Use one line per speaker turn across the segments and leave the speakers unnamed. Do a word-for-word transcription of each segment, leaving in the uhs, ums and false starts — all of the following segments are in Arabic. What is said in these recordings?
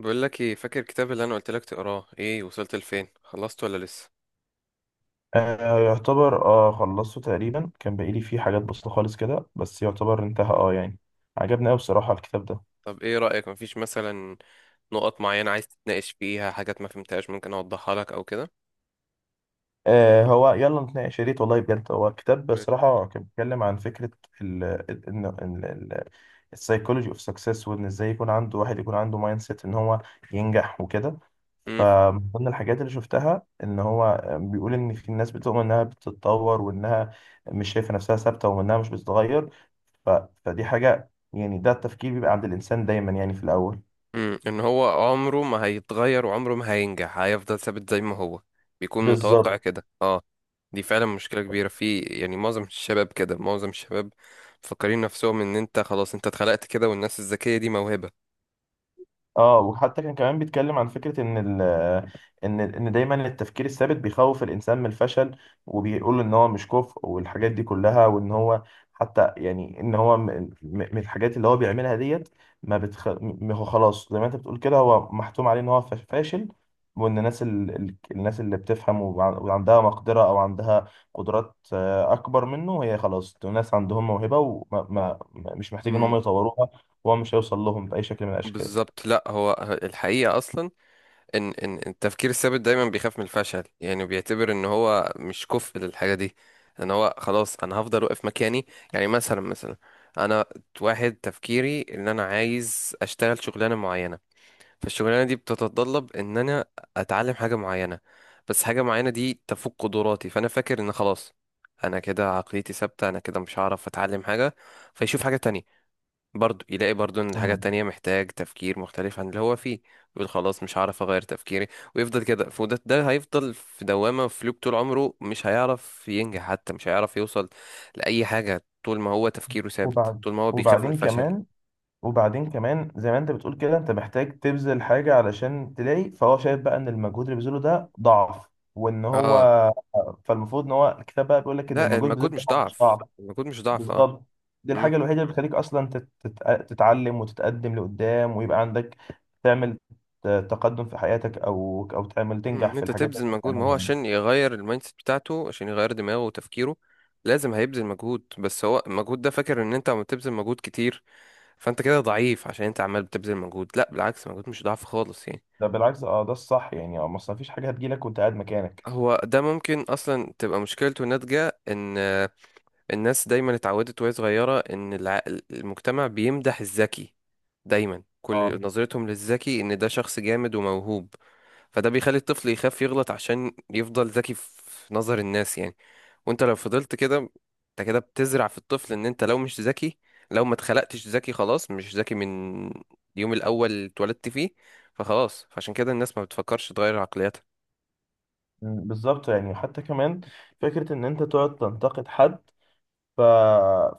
بقول لك ايه؟ فاكر الكتاب اللي انا قلت لك تقراه؟ ايه وصلت لفين؟ خلصت ولا لسه؟
آه، يعتبر اه خلصته تقريبا. كان باقيلي فيه حاجات بسيطة خالص كده، بس يعتبر انتهى اه يعني. عجبني أوي بصراحة الكتاب ده.
طب ايه رأيك؟ مفيش مثلا نقط معينة عايز تتناقش فيها، حاجات ما فهمتهاش ممكن اوضحها لك او كده؟
آه، هو يلا نتناقش، يا ريت والله، بجد هو الكتاب
ماشي.
بصراحة كان بيتكلم عن فكرة ال ال- ان ال- ال- السايكولوجي اوف سكسس، وان ازاي يكون عنده واحد يكون عنده مايند سيت ان هو ينجح وكده.
امم
فمن ضمن الحاجات اللي شفتها ان هو آه، بيقول ان في ناس بتؤمن انها بتتطور، وانها مش شايفه نفسها ثابته، وانها مش بتتغير. ف... فدي حاجة، يعني ده التفكير بيبقى عند الإنسان دايما يعني في الأول.
امم ان هو عمره ما هيتغير وعمره ما هينجح، هيفضل ثابت زي ما هو بيكون متوقع
بالظبط.
كده، اه. دي فعلا مشكلة كبيرة في يعني معظم الشباب كده، معظم الشباب مفكرين نفسهم ان انت خلاص انت اتخلقت كده، والناس الذكية دي موهبة.
اه وحتى كان كمان بيتكلم عن فكرة ان ال ان ان دايما التفكير الثابت بيخوف الانسان من الفشل، وبيقول ان هو مش كفء والحاجات دي كلها، وان هو حتى يعني ان هو م- م- من الحاجات اللي هو بيعملها ديت، ما بتخ... م- هو خلاص زي ما انت بتقول كده، هو محتوم عليه ان هو فاش- فاشل. وان الناس ال... ال- الناس اللي بتفهم وع- وعندها مقدرة، او عندها قدرات آه، اكبر منه، هي خلاص دول ناس عندهم موهبة ومش محتاج ان هم
مم.
يطوروها. وهو مش هيوصل لهم بأي شكل من الاشكال.
بالظبط، لا هو الحقيقة أصلا ان ان التفكير الثابت دايما بيخاف من الفشل، يعني بيعتبر ان هو مش كفء للحاجه دي، ان هو خلاص انا هفضل واقف مكاني. يعني مثلا مثلا انا واحد تفكيري ان انا عايز اشتغل شغلانه معينه، فالشغلانه دي بتتطلب ان انا اتعلم حاجه معينه، بس حاجه معينه دي تفوق قدراتي، فانا فاكر ان خلاص انا كده عقليتي ثابته، انا كده مش هعرف اتعلم حاجه. فيشوف حاجه تانية، برضو يلاقي برضو ان الحاجة
مم.
التانية محتاج تفكير مختلف عن اللي هو فيه، يقول خلاص مش هعرف اغير تفكيري، ويفضل كده. فده ده هيفضل في دوامة، في لوب، طول عمره مش هيعرف ينجح، حتى مش هيعرف يوصل لأي حاجة طول ما هو تفكيره ثابت،
وبعد
طول ما هو بيخاف من
وبعدين
الفشل.
كمان وبعدين كمان زي ما انت بتقول كده، انت محتاج تبذل حاجة علشان تلاقي. فهو شايف بقى ان المجهود اللي بيبذله ده ضعف، وان هو
اه،
فالمفروض ان هو الكتاب بقى بيقول لك ان
لا
المجهود اللي
المجهود
بيبذله
مش
ده هو مش
ضعف،
ضعف.
المجهود مش ضعف اه.
بالظبط. دي
امم،
الحاجة الوحيدة اللي بتخليك اصلا تت- تت- تتعلم وتتقدم لقدام، ويبقى عندك تعمل ت- تقدم في حياتك، او او تعمل تنجح
ان
في
انت
الحاجات اللي
تبذل
انت
مجهود، ما هو
بتعملها يعني.
عشان يغير المايند سيت بتاعته، عشان يغير دماغه وتفكيره لازم هيبذل مجهود. بس هو المجهود ده فاكر ان انت عم تبذل مجهود كتير فانت كده ضعيف، عشان انت عمال بتبذل مجهود. لا بالعكس، مجهود مش ضعف خالص يعني.
ده بالعكس، اه، ده الصح يعني، اه ما أصل مفيش حاجة هتجيلك وانت قاعد مكانك.
هو ده ممكن اصلا تبقى مشكلته ناتجة ان آه، الناس دايما اتعودت وهي صغيرة ان الع- المجتمع بيمدح الذكي، دايما
اه،
كل نظرتهم للذكي ان ده شخص جامد وموهوب، فده بيخلي الطفل يخاف يغلط عشان يفضل ذكي في نظر الناس يعني. وانت لو فضلت كده انت كده بتزرع في الطفل ان انت لو مش ذكي، لو ما اتخلقتش ذكي خلاص مش ذكي من اليوم الاول اللي اتولدت فيه، فخلاص عشان كده الناس ما بتفكرش تغير عقليتها.
بالظبط، يعني حتى كمان فكرة إن أنت تقعد تنتقد حد. ف...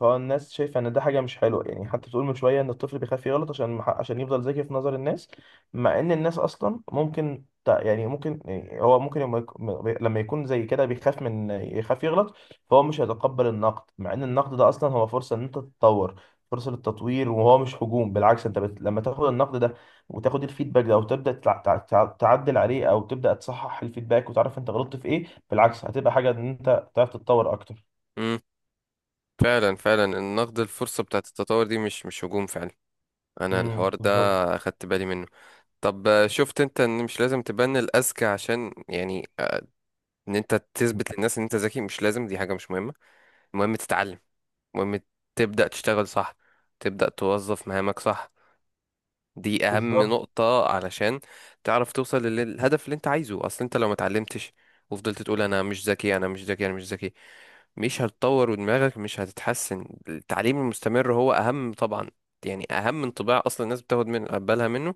فالناس شايفه ان ده حاجه مش حلوه، يعني حتى بتقول من شويه ان الطفل بيخاف يغلط عشان عشان يفضل ذكي في نظر الناس. مع ان الناس اصلا ممكن ت- يعني ممكن يعني هو ممكن لما يك- لما يكون زي كده بيخاف من يخاف يغلط. فهو مش هيتقبل النقد، مع ان النقد ده اصلا هو فرصه ان انت تتطور، فرصه للتطوير، وهو مش هجوم. بالعكس، انت بت... لما تاخد النقد ده، وتاخد الفيدباك ده، وتبدا تع... تع... تع- تعدل عليه، او تبدا تصحح الفيدباك وتعرف انت غلطت في ايه، بالعكس هتبقى حاجه ان انت تعرف تتطور اكتر.
امم، فعلا فعلا النقد الفرصة بتاعت التطور دي مش مش هجوم فعلا. انا
امم
الحوار ده
بالظبط.
اخدت بالي منه. طب آه، شفت انت ان مش لازم تبان الاذكى عشان يعني آه، ان انت تثبت للناس ان انت ذكي؟ مش لازم، دي حاجة مش مهمة. المهم تتعلم، المهم تبدأ تشتغل صح، تبدأ توظف مهامك صح. دي أهم
بالظبط.
نقطة علشان تعرف توصل لل- للهدف اللي أنت عايزه. أصل أنت لو ما اتعلمتش وفضلت تقول أنا مش ذكي أنا مش ذكي أنا مش ذكي، مش هتطور ودماغك مش هتتحسن. التعليم المستمر هو أهم طبعا، يعني أهم انطباع أصلا الناس بتاخد من بالها منه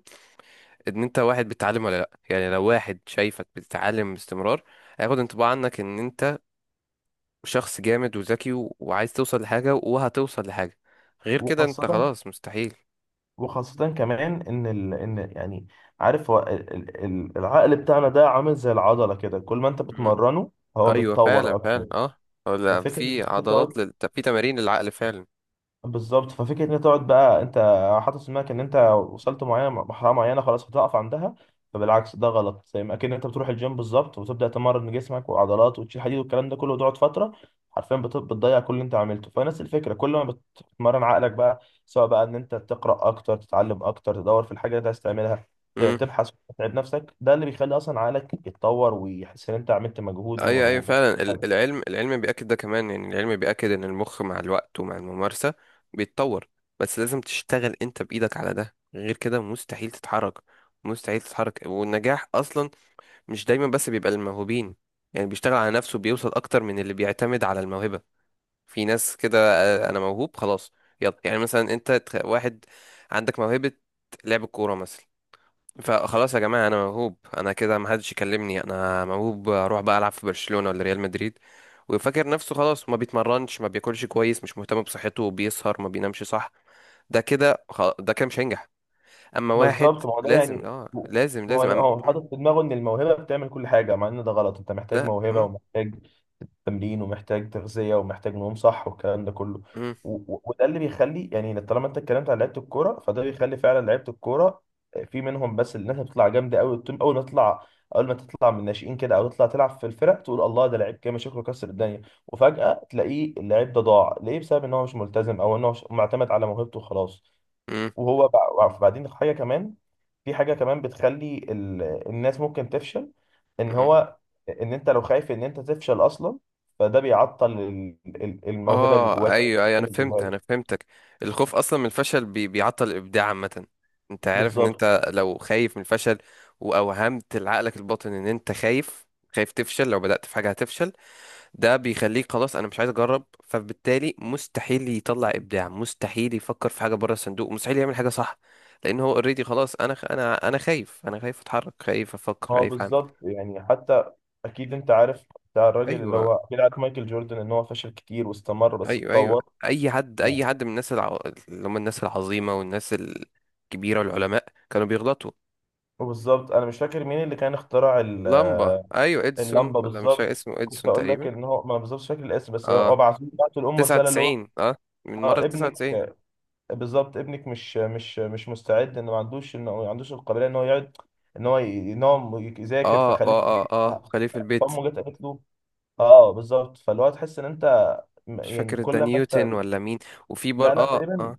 إن أنت واحد بتتعلم ولا لأ. يعني لو واحد شايفك بتتعلم باستمرار هياخد انطباع عنك إن أنت شخص جامد وذكي و- وعايز توصل لحاجة وهتوصل لحاجة. غير كده انت
وخاصة
خلاص مستحيل.
وخاصة كمان إن ال... إن يعني عارف هو ال... ال... ال- العقل بتاعنا ده عامل زي العضلة كده، كل ما أنت
مم.
بتمرنه هو
ايوه
بيتطور
فعلا فعلا
أكتر.
اه. ولا
ففكرة إن
في
أنت
عضلات
تقعد
لل... في تمارين للعقل فعلا.
بالظبط ففكره ان انت تقعد بقى، انت حاطط في دماغك ان انت وصلت معينه مرحله معينه خلاص هتقف عندها. فبالعكس ده غلط، زي ما اكن انت بتروح الجيم بالظبط، وتبدا تمرن جسمك والعضلات، وتشيل حديد والكلام ده كله، وتقعد فتره حرفيا بت- بتضيع كل اللي انت عملته. فنفس الفكره، كل ما بتمرن عقلك بقى، سواء بقى ان انت تقرا اكتر، تتعلم اكتر، تدور في الحاجه اللي انت عايز تعملها، ت-
مم.
تبحث وتتعب نفسك، ده اللي بيخلي اصلا عقلك يتطور، ويحس ان انت عملت مجهود و...
ايوه ايوه
و...
فعلا، ال- العلم العلم بيأكد ده كمان يعني، العلم بيأكد ان المخ مع الوقت ومع الممارسة بيتطور، بس لازم تشتغل انت بإيدك على ده، غير كده مستحيل تتحرك، مستحيل تتحرك. والنجاح اصلا مش دايما بس بيبقى للموهوبين يعني، بيشتغل على نفسه بيوصل اكتر من اللي بيعتمد على الموهبة. في ناس كده آه، انا موهوب خلاص. يلا يعني مثلا انت تخ- واحد عندك موهبة لعب الكورة مثلا، فخلاص يا جماعة انا موهوب، انا كده محدش يكلمني، انا موهوب اروح بقى العب في برشلونة ولا ريال مدريد. ويفكر نفسه خلاص، ما بيتمرنش، ما بياكلش كويس، مش مهتم بصحته، بيسهر، ما بينامش صح. ده كده خ- ده كده مش هينجح. اما واحد
بالظبط ما هو ده
لازم
يعني
اه،
ما
لازم
هو
لازم
لا،
أم...
هو حاطط في دماغه ان الموهبه بتعمل كل حاجه، مع ان ده غلط. انت محتاج
لا
موهبه،
أم...
ومحتاج تمرين، ومحتاج تغذيه، ومحتاج نوم صح، والكلام ده كله.
أم...
و- و- وده اللي بيخلي، يعني طالما انت اتكلمت على لعيبه الكوره، فده بيخلي فعلا لعيبه الكوره آه، في منهم، بس الناس بتطلع جامده قوي. اول ما تطلع اول ما تطلع من الناشئين كده، او تطلع تلعب في الفرق، تقول الله، ده لعيب جامد، شكله كسر الدنيا، وفجاه تلاقيه اللعيب ده ضاع ليه، بسبب ان هو مش ملتزم، او ان هو مش- معتمد على موهبته وخلاص. وهو بع- بعدين حاجه كمان، في حاجه كمان بتخلي ال... الناس ممكن تفشل. ان
أم...
هو ان انت لو خايف ان انت تفشل اصلا، فده بيعطل ال- ال- الموهبه اللي
اه
جواك، او
ايوه ايوه انا
اللي
فهمت،
جواك
انا فهمتك. الخوف اصلا من الفشل بي بيعطل الابداع عامه. انت عارف ان
بالظبط
انت لو خايف من الفشل واوهمت لعقلك الباطن ان انت خايف، خايف تفشل، لو بدأت في حاجه هتفشل، ده بيخليك خلاص انا مش عايز اجرب، فبالتالي مستحيل يطلع ابداع، مستحيل يفكر في حاجه بره الصندوق، مستحيل يعمل حاجه صح، لان هو اوريدي خلاص انا خ- انا انا خايف، انا خايف اتحرك، خايف افكر،
ما هو
خايف اعمل.
بالظبط يعني حتى، اكيد انت عارف بتاع الراجل اللي
ايوه
هو اكيد عارف مايكل جوردن، ان هو فشل كتير واستمر بس
ايوه ايوه،
اتطور.
اي حد، اي حد من الناس الع... اللي هم الناس العظيمه والناس الكبيره والعلماء كانوا بيغلطوا.
وبالظبط انا مش فاكر مين اللي كان اخترع ال-
اللمبه، ايوه اديسون،
اللمبه.
ولا مش فاكر
بالظبط،
اسمه،
كنت
اديسون
اقول لك
تقريبا.
ان هو، ما أنا بالظبط مش فاكر الاسم، بس
اه
هو بعت بعت لامه رساله اللي هو،
تسعة وتسعين اه، من مره
اه، ابنك.
تسعة وتسعين.
بالظبط، ابنك مش مش مش مستعد، انه ما عندوش انه ما عندوش القابليه ان هو يقعد، ان هو ي- ان هو يذاكر،
اه
فخليه في
اه اه
البيت.
اه، خليفه البيت.
فامه جت قالت له، اه، بالظبط، فاللي هو تحس ان انت م-
مش
يعني
فاكر ده
كل ما انت،
نيوتن ولا مين، وفي
لا
بر
لا،
اه
تقريبا.
اه.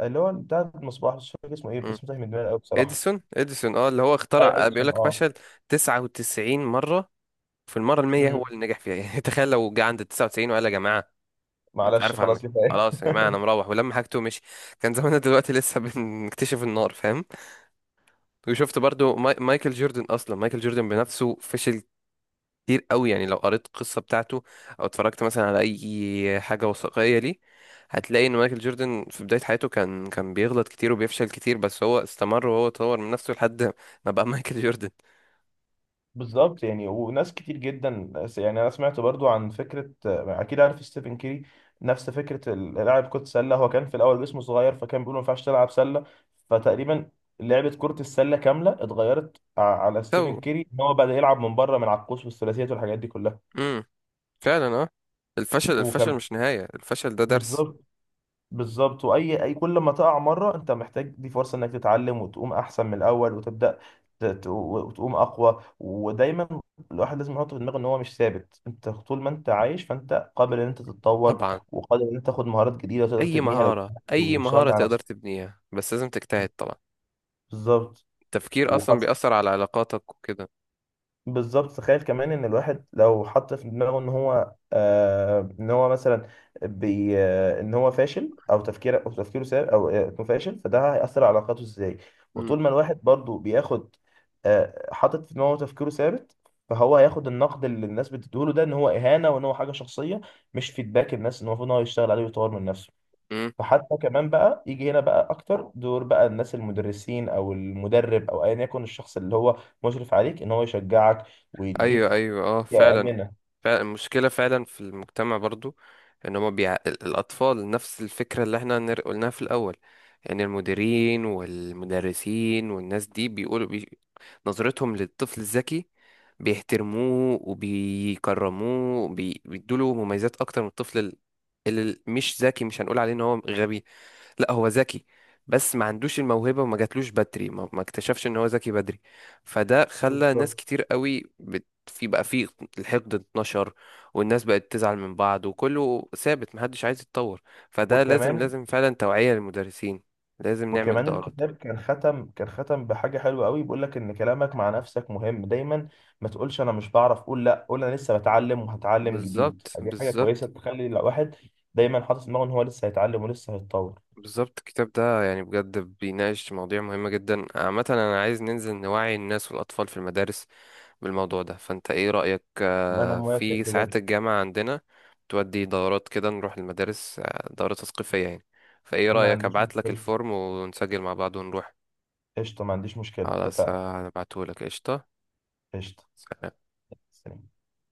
اللي هو بتاع مصباح، مش فاكر اسمه ايه،
مم.
اسمه تايه من دماغي قوي بصراحه.
اديسون اديسون اه، اللي هو
اي
اخترع، بيقول
ادسون،
لك
اه.
فشل تسعة وتسعين مره، في المره المية هو
مم.
اللي نجح فيها يعني تخيل لو جه عند تسعة وتسعين وقال يا جماعه أنا مش
معلش
عارف اعمل،
خلاص كفايه.
خلاص يا جماعه انا مروح ولما حاجته ومشي، كان زماننا دلوقتي لسه بنكتشف النار، فاهم؟ وشفت برضو ماي... مايكل جوردن، اصلا مايكل جوردن بنفسه فشل كتير قوي يعني، لو قريت القصه بتاعته او اتفرجت مثلا على اي حاجه وثائقيه ليه، هتلاقي ان مايكل جوردن في بدايه حياته كان كان بيغلط كتير وبيفشل كتير، بس هو استمر وهو طور من نفسه لحد ما بقى مايكل جوردن.
بالظبط، يعني وناس كتير جدا، يعني انا سمعت برضو عن فكره، اكيد عارف ستيفن كيري، نفس فكره ال- لاعب كره سله، هو كان في الاول جسمه صغير، فكان بيقولوا ما ينفعش تلعب سله، فتقريبا لعبه كره السله كامله اتغيرت ع- على
سو،
ستيفن كيري، ان هو بدا يلعب من بره، من على القوس والثلاثيات والحاجات دي كلها.
امم، فعلا اه، الفشل، الفشل
وكان
مش نهايه، الفشل ده درس.
بالظبط. بالظبط، واي اي كل ما تقع مره، انت محتاج دي فرصه انك تتعلم، وتقوم احسن من الاول، وتبدا ت- ت- وتقوم اقوى. ودايما الواحد لازم يحط في دماغه ان هو مش ثابت، انت طول ما انت عايش فانت قابل ان انت تتطور،
طبعا،
وقادر ان انت تاخد مهارات جديده تقدر
اي
تبنيها لو
مهارة، اي
واشتغلت
مهارة
على
تقدر
نفسك.
تبنيها، بس لازم تجتهد طبعا.
بالظبط.
التفكير اصلا
وخاصه،
بيأثر على علاقاتك وكده.
بالظبط، تخيل كمان ان الواحد لو حط في دماغه ان هو آه ان هو مثلا بي آه ان هو فاشل، او تفكير او تفكيره سار، او آه، انه فاشل، فده هيأثر على علاقاته ازاي.
مم.
وطول ما الواحد برضو بياخد، آه حاطط في دماغه تفكيره ثابت، فهو هياخد النقد اللي الناس بتديهوله ده ان هو اهانة، وان هو حاجة شخصية، مش فيدباك الناس ان هو المفروض ان هو يشتغل عليه ويطور من نفسه.
مم.
فحتى كمان بقى يجي هنا بقى اكتر دور بقى الناس، المدرسين او المدرب او ايا يكن الشخص اللي هو مشرف عليك، ان هو يشجعك
ايوه
ويديك،
ايوه اه،
يا
فعلا
امنه.
فعلا، المشكلة فعلا في المجتمع برضو، ان هما بيع... ال- الاطفال نفس الفكرة اللي احنا نر- قلناها في الاول. يعني المديرين والمدرسين والناس دي بيقولوا بي... نظرتهم للطفل الذكي بيحترموه وبيكرموه وبي... بيدوله مميزات اكتر من الطفل ال- اللي مش ذكي. مش هنقول عليه ان هو غبي، لا هو ذكي، بس ما عندوش الموهبة وما جاتلوش بدري، ما, ما اكتشفش ان هو ذكي بدري. فده خلى ناس
بالظبط،
كتير قوي بت... في بقى في الحقد اتنشر، والناس بقت تزعل من بعض، وكله ثابت محدش عايز يتطور. فده لازم،
وكمان،
لازم فعلا توعية للمدرسين، لازم نعمل
وكمان
دورات.
الكتاب كان ختم كان ختم بحاجه حلوه قوي، بيقول لك ان كلامك مع نفسك مهم دايما. ما تقولش انا مش بعرف، قول لا، قول انا لسه بتعلم وهتعلم جديد،
بالظبط
فدي حاجه كويسه
بالظبط
تخلي الواحد دايما حاطط في دماغه ان هو لسه هيتعلم ولسه هيتطور.
بالظبط الكتاب ده يعني بجد بيناقش مواضيع مهمة جدا عامة. أنا عايز ننزل نوعي الناس والأطفال في المدارس بالموضوع ده، فانت ايه رأيك
ما انا
آه،
موافق
في ساعات
بجد.
الجامعة عندنا بتودي دورات كده، نروح المدارس آه، دورة تثقيفية يعني؟ فايه
ما
رأيك،
عنديش
ابعت لك
مشكله،
الفورم ونسجل مع بعض ونروح؟
قشطه، ما عنديش مشكله،
خلاص
اتفقنا.
هبعته لك، قشطة.
قشطه.
سلام.
سلام.